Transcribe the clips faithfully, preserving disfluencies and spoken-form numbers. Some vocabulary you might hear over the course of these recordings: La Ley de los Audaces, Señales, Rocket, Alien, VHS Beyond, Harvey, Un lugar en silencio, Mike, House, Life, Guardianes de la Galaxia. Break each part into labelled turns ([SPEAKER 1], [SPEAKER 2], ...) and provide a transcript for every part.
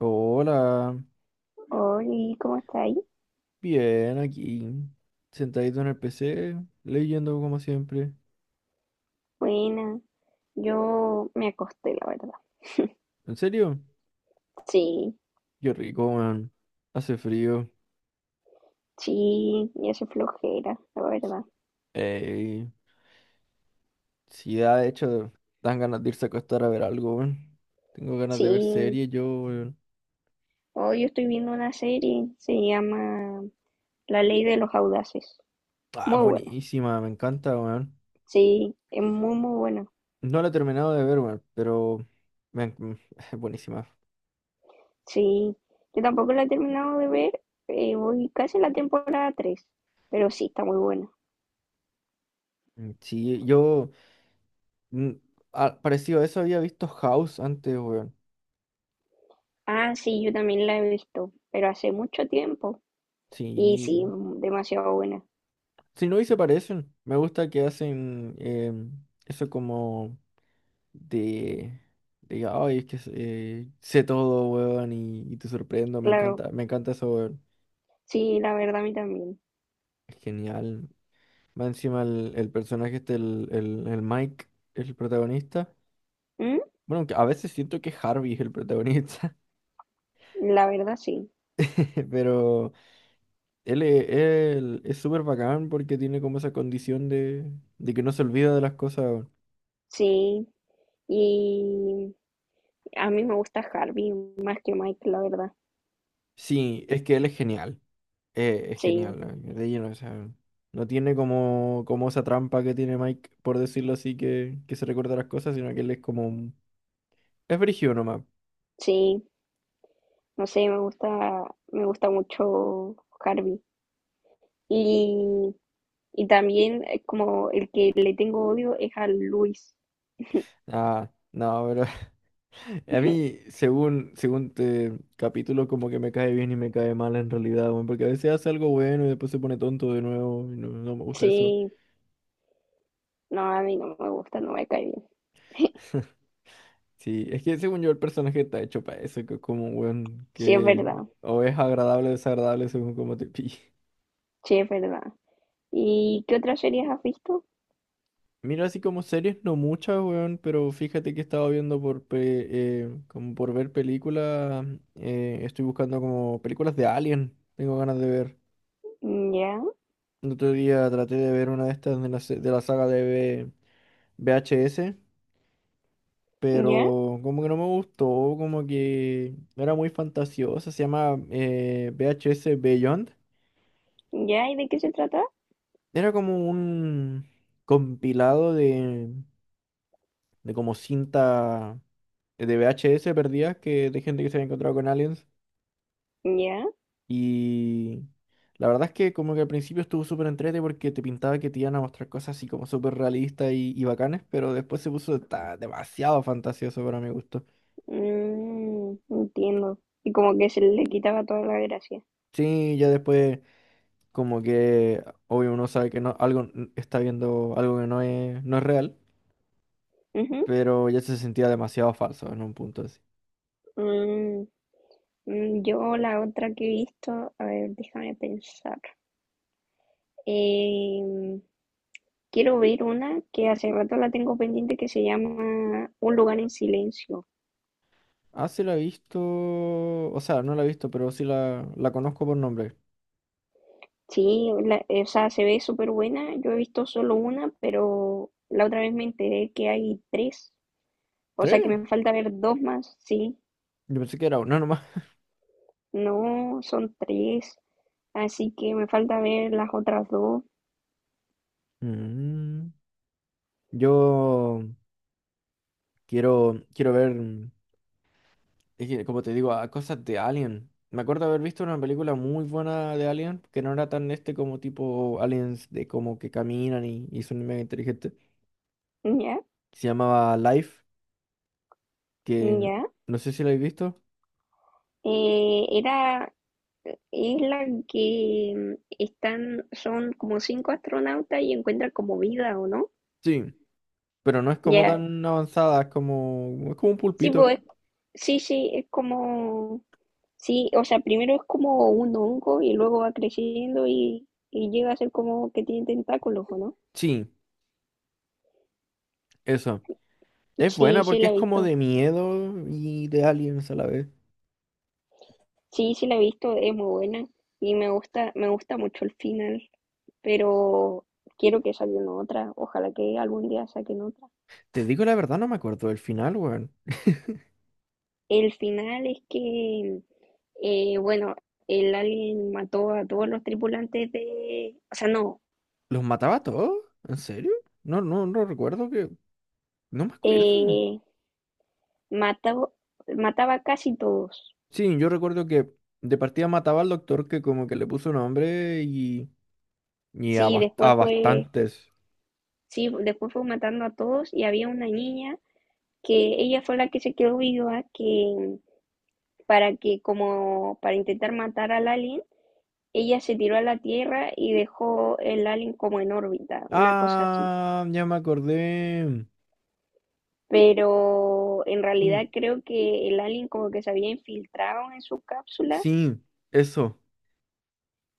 [SPEAKER 1] Hola,
[SPEAKER 2] Hola, ¿cómo está ahí?
[SPEAKER 1] bien aquí, sentadito en el P C, leyendo como siempre.
[SPEAKER 2] Buena, yo me acosté, la verdad.
[SPEAKER 1] ¿En serio?
[SPEAKER 2] Sí,
[SPEAKER 1] Qué rico, man. Hace frío.
[SPEAKER 2] sí, ya se flojera, la verdad.
[SPEAKER 1] Ey, sí, da, de hecho, dan ganas de irse a acostar a ver algo, weón. Tengo ganas de ver
[SPEAKER 2] Sí,
[SPEAKER 1] series, yo, weón.
[SPEAKER 2] hoy estoy viendo una serie, se llama La Ley de los Audaces.
[SPEAKER 1] Ah,
[SPEAKER 2] Muy buena,
[SPEAKER 1] buenísima, me encanta, weón.
[SPEAKER 2] sí, es muy, muy buena.
[SPEAKER 1] No la he terminado de ver, weón, pero me en- es buenísima.
[SPEAKER 2] Sí, yo tampoco la he terminado de ver, eh, voy casi en la temporada tres, pero sí, está muy buena.
[SPEAKER 1] Mm, sí, yo, mm, ah, parecido a eso había visto House antes, weón.
[SPEAKER 2] Ah, sí, yo también la he visto, pero hace mucho tiempo. Y sí,
[SPEAKER 1] Sí.
[SPEAKER 2] demasiado buena.
[SPEAKER 1] Si no, y se parecen. Me gusta que hacen em, eso como de, de, ay, es que eh, sé todo, weón, y, y te sorprendo. Me
[SPEAKER 2] Claro,
[SPEAKER 1] encanta, me encanta eso, weón.
[SPEAKER 2] sí, la verdad a mí también.
[SPEAKER 1] Es genial. Va encima el, el personaje este, el, el, el Mike, el protagonista.
[SPEAKER 2] Mm,
[SPEAKER 1] Bueno, aunque a veces siento que Harvey es el protagonista,
[SPEAKER 2] La verdad sí,
[SPEAKER 1] pero él, e- él es súper bacán porque tiene como esa condición de, de que no se olvida de las cosas, weón.
[SPEAKER 2] sí. Y a mí me gusta Harvey más que Mike, la verdad.
[SPEAKER 1] Sí, es que él es genial. Eh, es
[SPEAKER 2] Sí,
[SPEAKER 1] genial, eh, de lleno, o sea, no tiene como, como esa trampa que tiene Mike, por decirlo así, que, que se recuerda las cosas, sino que él es como... un- Es brígido nomás.
[SPEAKER 2] sí. No sé, me gusta, me gusta mucho Harvey. Y, y también eh, como el que le tengo odio es a Luis.
[SPEAKER 1] Ah, no, pero a mí, según, según te capítulo, como que me cae bien y me cae mal en realidad, weón, porque a veces hace algo bueno y después se pone tonto de nuevo, y no, no me gusta eso.
[SPEAKER 2] Sí, no, a mí no me gusta, no me cae bien.
[SPEAKER 1] Sí, es que según yo el personaje está hecho para eso, que es como un weón
[SPEAKER 2] Sí, es
[SPEAKER 1] que
[SPEAKER 2] verdad,
[SPEAKER 1] o es agradable o desagradable según como te pille.
[SPEAKER 2] sí, es verdad. ¿Y qué otras series has visto?
[SPEAKER 1] Mira, así como series, no muchas, weón, pero fíjate que estaba viendo por, pe- eh, como por ver películas. Eh, estoy buscando como películas de Alien, tengo ganas de ver.
[SPEAKER 2] Ya,
[SPEAKER 1] El otro día traté de ver una de estas de la, se- de la saga de V- VHS,
[SPEAKER 2] ya,
[SPEAKER 1] pero como que no me gustó, como que no era muy fantasiosa, se llama eh, V H S Beyond.
[SPEAKER 2] ya, ¿y de qué se trata?
[SPEAKER 1] Era como un compilado de, de como cinta de V H S perdidas que de gente que se había encontrado con aliens.
[SPEAKER 2] Ya.
[SPEAKER 1] Y la verdad es que como que al principio estuvo súper entrete porque te pintaba que te iban a mostrar cosas así como súper realistas y, y bacanes, pero después se puso ta- demasiado fantasioso para mi gusto.
[SPEAKER 2] Mm, entiendo. Y como que se le quitaba toda la gracia.
[SPEAKER 1] Sí, ya después como que obvio uno sabe que no, algo n- está viendo algo que no es, no es real,
[SPEAKER 2] Ujú.
[SPEAKER 1] pero ya se sentía demasiado falso en un punto así.
[SPEAKER 2] Mm, mm, yo la otra que he visto, a ver, déjame pensar. Em, quiero ver una que hace rato la tengo pendiente que se llama Un lugar en silencio.
[SPEAKER 1] Ah, sí la he visto, o sea, no la he visto, pero sí la, la conozco por nombre.
[SPEAKER 2] Sí, la- o sea, se ve súper buena. Yo he visto solo una, pero la otra vez me enteré que hay tres. O sea, que
[SPEAKER 1] ¿Tres?
[SPEAKER 2] me falta ver dos más, sí.
[SPEAKER 1] Yo pensé que era uno nomás.
[SPEAKER 2] No, son tres. Así que me falta ver las otras dos.
[SPEAKER 1] Mm, Yo quiero, quiero ver, mm, es que, como te digo, a cosas de Alien. Me acuerdo haber visto una película muy buena de Alien, que no era tan este como tipo aliens de como que caminan y, y son mega inteligentes.
[SPEAKER 2] Ya,
[SPEAKER 1] Se llamaba Life, que no,
[SPEAKER 2] ya.
[SPEAKER 1] no sé si la habéis visto.
[SPEAKER 2] Eh, era, es la que mm, están, son como cinco astronautas y encuentran como vida, ¿o no?
[SPEAKER 1] Sí, pero no es como
[SPEAKER 2] Ya.
[SPEAKER 1] tan avanzada, es como, es como un
[SPEAKER 2] Sí,
[SPEAKER 1] pulpito.
[SPEAKER 2] pues, sí, sí, es como, sí, o sea, primero es como un hongo y luego va creciendo y, y llega a ser como que tiene tentáculos, ¿o no?
[SPEAKER 1] Sí, eso. Es
[SPEAKER 2] Sí,
[SPEAKER 1] buena
[SPEAKER 2] sí
[SPEAKER 1] porque
[SPEAKER 2] la
[SPEAKER 1] es
[SPEAKER 2] he
[SPEAKER 1] como
[SPEAKER 2] visto.
[SPEAKER 1] de miedo y de aliens a la vez.
[SPEAKER 2] Sí, sí la he visto, es muy buena y me gusta, me gusta mucho el final, pero quiero que salgan otra, ojalá que algún día saquen otra.
[SPEAKER 1] Te digo la verdad, no me acuerdo del final, weón.
[SPEAKER 2] El final es que, eh, bueno, el alien mató a todos los tripulantes de... O sea, no,
[SPEAKER 1] ¿Los mataba a todos? ¿En serio? No, no, no recuerdo que... No me acuerdo.
[SPEAKER 2] eh, mató, mataba a casi todos.
[SPEAKER 1] Sí, yo recuerdo que de partida mataba al doctor que como que le puso nombre y... Y a,
[SPEAKER 2] Sí,
[SPEAKER 1] bast- a
[SPEAKER 2] después fue,
[SPEAKER 1] bastantes.
[SPEAKER 2] sí, después fue matando a todos y había una niña que ella fue la que se quedó viva, que para que como para intentar matar al alien, ella se tiró a la Tierra y dejó el alien como en órbita, una cosa así.
[SPEAKER 1] Ah, ya me acordé.
[SPEAKER 2] Pero en realidad
[SPEAKER 1] Sí,
[SPEAKER 2] creo que el alien como que se había infiltrado en su cápsula
[SPEAKER 1] sí, eso.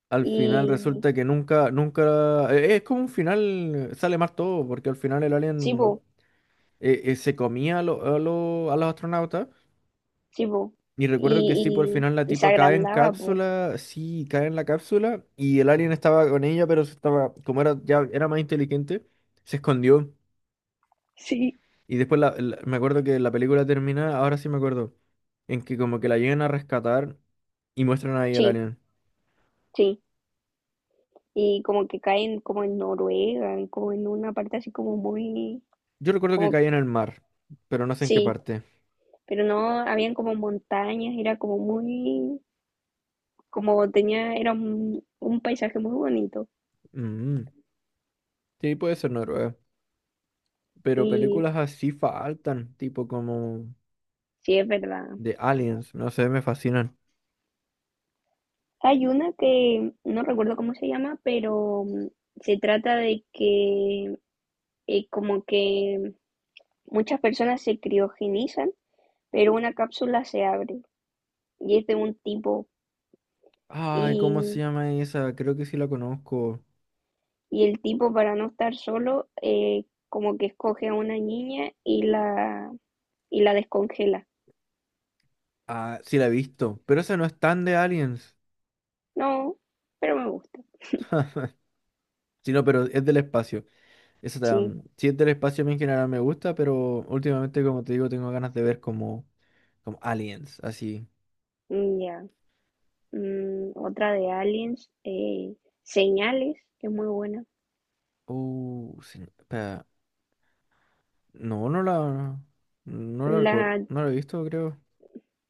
[SPEAKER 1] Al final
[SPEAKER 2] y
[SPEAKER 1] resulta que nunca, nunca... eh, Es como un final, eh, sale mal todo, porque al final el
[SPEAKER 2] sí,
[SPEAKER 1] alien
[SPEAKER 2] po,
[SPEAKER 1] eh, eh, se comía a, lo- a, lo- a los astronautas.
[SPEAKER 2] sí, po,
[SPEAKER 1] Y recuerdo que sí, por el
[SPEAKER 2] y,
[SPEAKER 1] final la
[SPEAKER 2] y, y se
[SPEAKER 1] tipa cae en
[SPEAKER 2] agrandaba, po.
[SPEAKER 1] cápsula, sí, cae en la cápsula y el alien estaba con ella, pero se estaba, como era ya era más inteligente, se escondió.
[SPEAKER 2] Sí.
[SPEAKER 1] Y después la- la- me acuerdo que la película termina, ahora sí me acuerdo, en que como que la llegan a rescatar y muestran ahí el
[SPEAKER 2] Sí,
[SPEAKER 1] alien.
[SPEAKER 2] sí. Y como que caen como en Noruega, en como en una parte así como muy,
[SPEAKER 1] Yo recuerdo que
[SPEAKER 2] como,
[SPEAKER 1] cae en el mar, pero no sé en qué
[SPEAKER 2] sí,
[SPEAKER 1] parte.
[SPEAKER 2] pero no, habían como montañas, era como muy, como tenía, era un, un paisaje muy bonito.
[SPEAKER 1] Mm, sí, puede ser Noruega, pero
[SPEAKER 2] Y
[SPEAKER 1] películas así faltan, tipo como
[SPEAKER 2] sí, es verdad.
[SPEAKER 1] de aliens, no sé, me fascinan.
[SPEAKER 2] Hay una que no recuerdo cómo se llama, pero mm, se trata de que eh, como que muchas personas se criogenizan, pero una cápsula se abre y es de un tipo
[SPEAKER 1] Ay, ¿cómo se
[SPEAKER 2] y,
[SPEAKER 1] llama esa? Creo que sí la conozco.
[SPEAKER 2] y el tipo para no estar solo eh, como que escoge a una niña y la y la descongela.
[SPEAKER 1] Ah, sí la he visto. Pero esa no es tan de Aliens.
[SPEAKER 2] No, pero me gusta.
[SPEAKER 1] Sino, pero es del espacio. Esa
[SPEAKER 2] Sí,
[SPEAKER 1] tam- sí es del espacio, a mí en general me gusta, pero últimamente, como te digo, tengo ganas de ver como, como Aliens, así.
[SPEAKER 2] mm, ya. Mm, otra de Aliens, eh, Señales, que es muy buena.
[SPEAKER 1] Uh, se- espera. No, no la. No la recuerdo.
[SPEAKER 2] La
[SPEAKER 1] No la he visto, creo.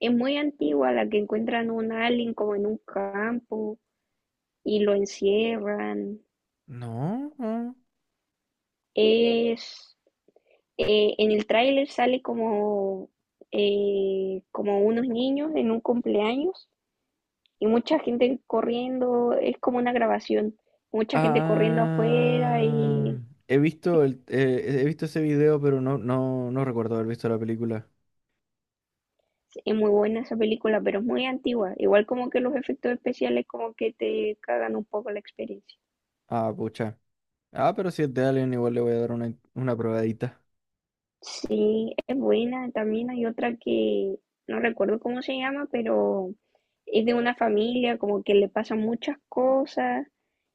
[SPEAKER 2] es muy antigua, la que encuentran un alien como en un campo y lo encierran.
[SPEAKER 1] No, no.
[SPEAKER 2] Es eh, en el tráiler sale como eh, como unos niños en un cumpleaños y mucha gente corriendo. Es como una grabación. Mucha gente corriendo afuera
[SPEAKER 1] Ah,
[SPEAKER 2] y
[SPEAKER 1] he visto el, eh, he visto ese video, pero no, no, no recuerdo haber visto la película.
[SPEAKER 2] es muy buena esa película, pero es muy antigua. Igual como que los efectos especiales como que te cagan un poco la experiencia.
[SPEAKER 1] Ah, pucha. Ah, pero si es de Alien, igual le voy a dar una, una probadita.
[SPEAKER 2] Sí, es buena. También hay otra que no recuerdo cómo se llama, pero es de una familia como que le pasan muchas cosas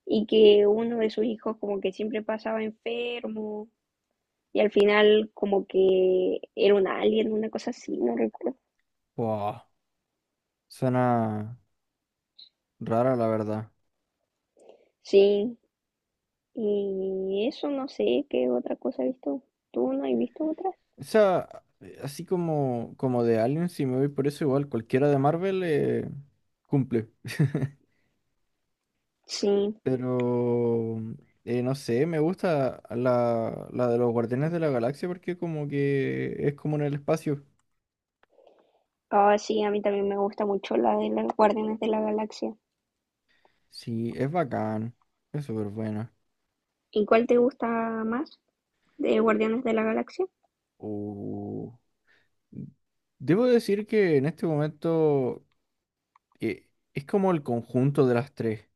[SPEAKER 2] y que uno de sus hijos como que siempre pasaba enfermo y al final como que era un alien, una cosa así, no recuerdo.
[SPEAKER 1] Wow, suena rara, la verdad.
[SPEAKER 2] Sí, y eso no sé qué otra cosa he visto. ¿Tú no has visto otras?
[SPEAKER 1] O sea, así como, como de Alien, si me voy por eso, igual cualquiera de Marvel eh, cumple.
[SPEAKER 2] Sí.
[SPEAKER 1] Pero, eh, no sé, me gusta la, la de los Guardianes de la Galaxia porque como que es como en el espacio.
[SPEAKER 2] Ah, sí, a mí también me gusta mucho la de las Guardianes de la Galaxia.
[SPEAKER 1] Sí, es bacán, es súper buena.
[SPEAKER 2] ¿Y cuál te gusta más? ¿De Guardianes de la Galaxia?
[SPEAKER 1] Uh, Debo decir que en este momento eh, es como el conjunto de las tres,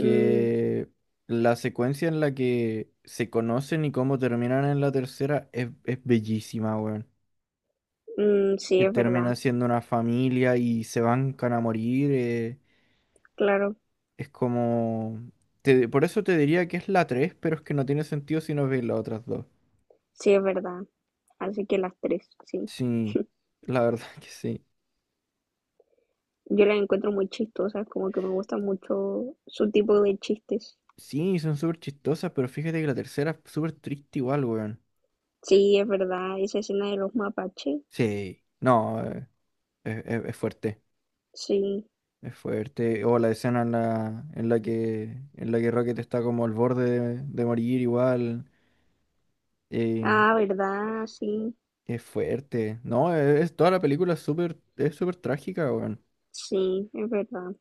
[SPEAKER 2] Mm,
[SPEAKER 1] la secuencia en la que se conocen y cómo terminan en la tercera es, es bellísima, weón.
[SPEAKER 2] mm, sí,
[SPEAKER 1] Que
[SPEAKER 2] es verdad,
[SPEAKER 1] termina siendo una familia y se bancan a morir. Eh,
[SPEAKER 2] claro,
[SPEAKER 1] es como... te- por eso te diría que es la tres, pero es que no tiene sentido si no ves las otras dos.
[SPEAKER 2] sí, es verdad. Así que las tres, sí.
[SPEAKER 1] Sí, la verdad que sí.
[SPEAKER 2] Yo las encuentro muy chistosas, como que me gusta mucho su tipo de chistes.
[SPEAKER 1] Sí, son súper chistosas, pero fíjate que la tercera es súper triste igual, weón.
[SPEAKER 2] Sí, es verdad, esa escena de los mapaches,
[SPEAKER 1] Sí, no, eh, es es- es fuerte.
[SPEAKER 2] sí.
[SPEAKER 1] Es fuerte. O la escena en la, en la que, en la que Rocket está como al borde de, de morir igual. eh,
[SPEAKER 2] Ah, verdad, sí,
[SPEAKER 1] es fuerte. No, e-, es, toda la película es súper, es súper, trágica, weón.
[SPEAKER 2] sí, es verdad.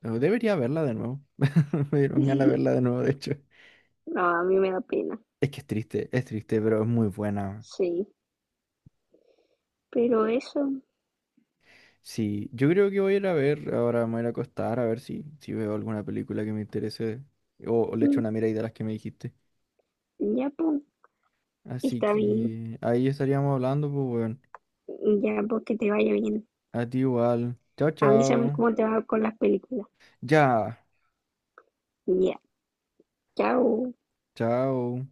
[SPEAKER 1] Pero debería verla de nuevo. Me dieron ganas de verla de nuevo, de hecho.
[SPEAKER 2] No, a mí me da pena,
[SPEAKER 1] Es que es triste, es triste, pero es muy buena.
[SPEAKER 2] sí. Pero eso,
[SPEAKER 1] Sí, yo creo que voy a ir a ver, ahora me voy a ir a acostar a ver si, si veo alguna película que me interese. O, o le echo
[SPEAKER 2] mm,
[SPEAKER 1] una mirada de las que me dijiste.
[SPEAKER 2] ya pues,
[SPEAKER 1] Así
[SPEAKER 2] está bien,
[SPEAKER 1] que ahí estaríamos hablando, pues, weón.
[SPEAKER 2] ya pues que te vaya bien.
[SPEAKER 1] A ti igual. Chao,
[SPEAKER 2] Avísame
[SPEAKER 1] chao.
[SPEAKER 2] cómo te va con las películas.
[SPEAKER 1] Ya.
[SPEAKER 2] Ya, chao.
[SPEAKER 1] Chao.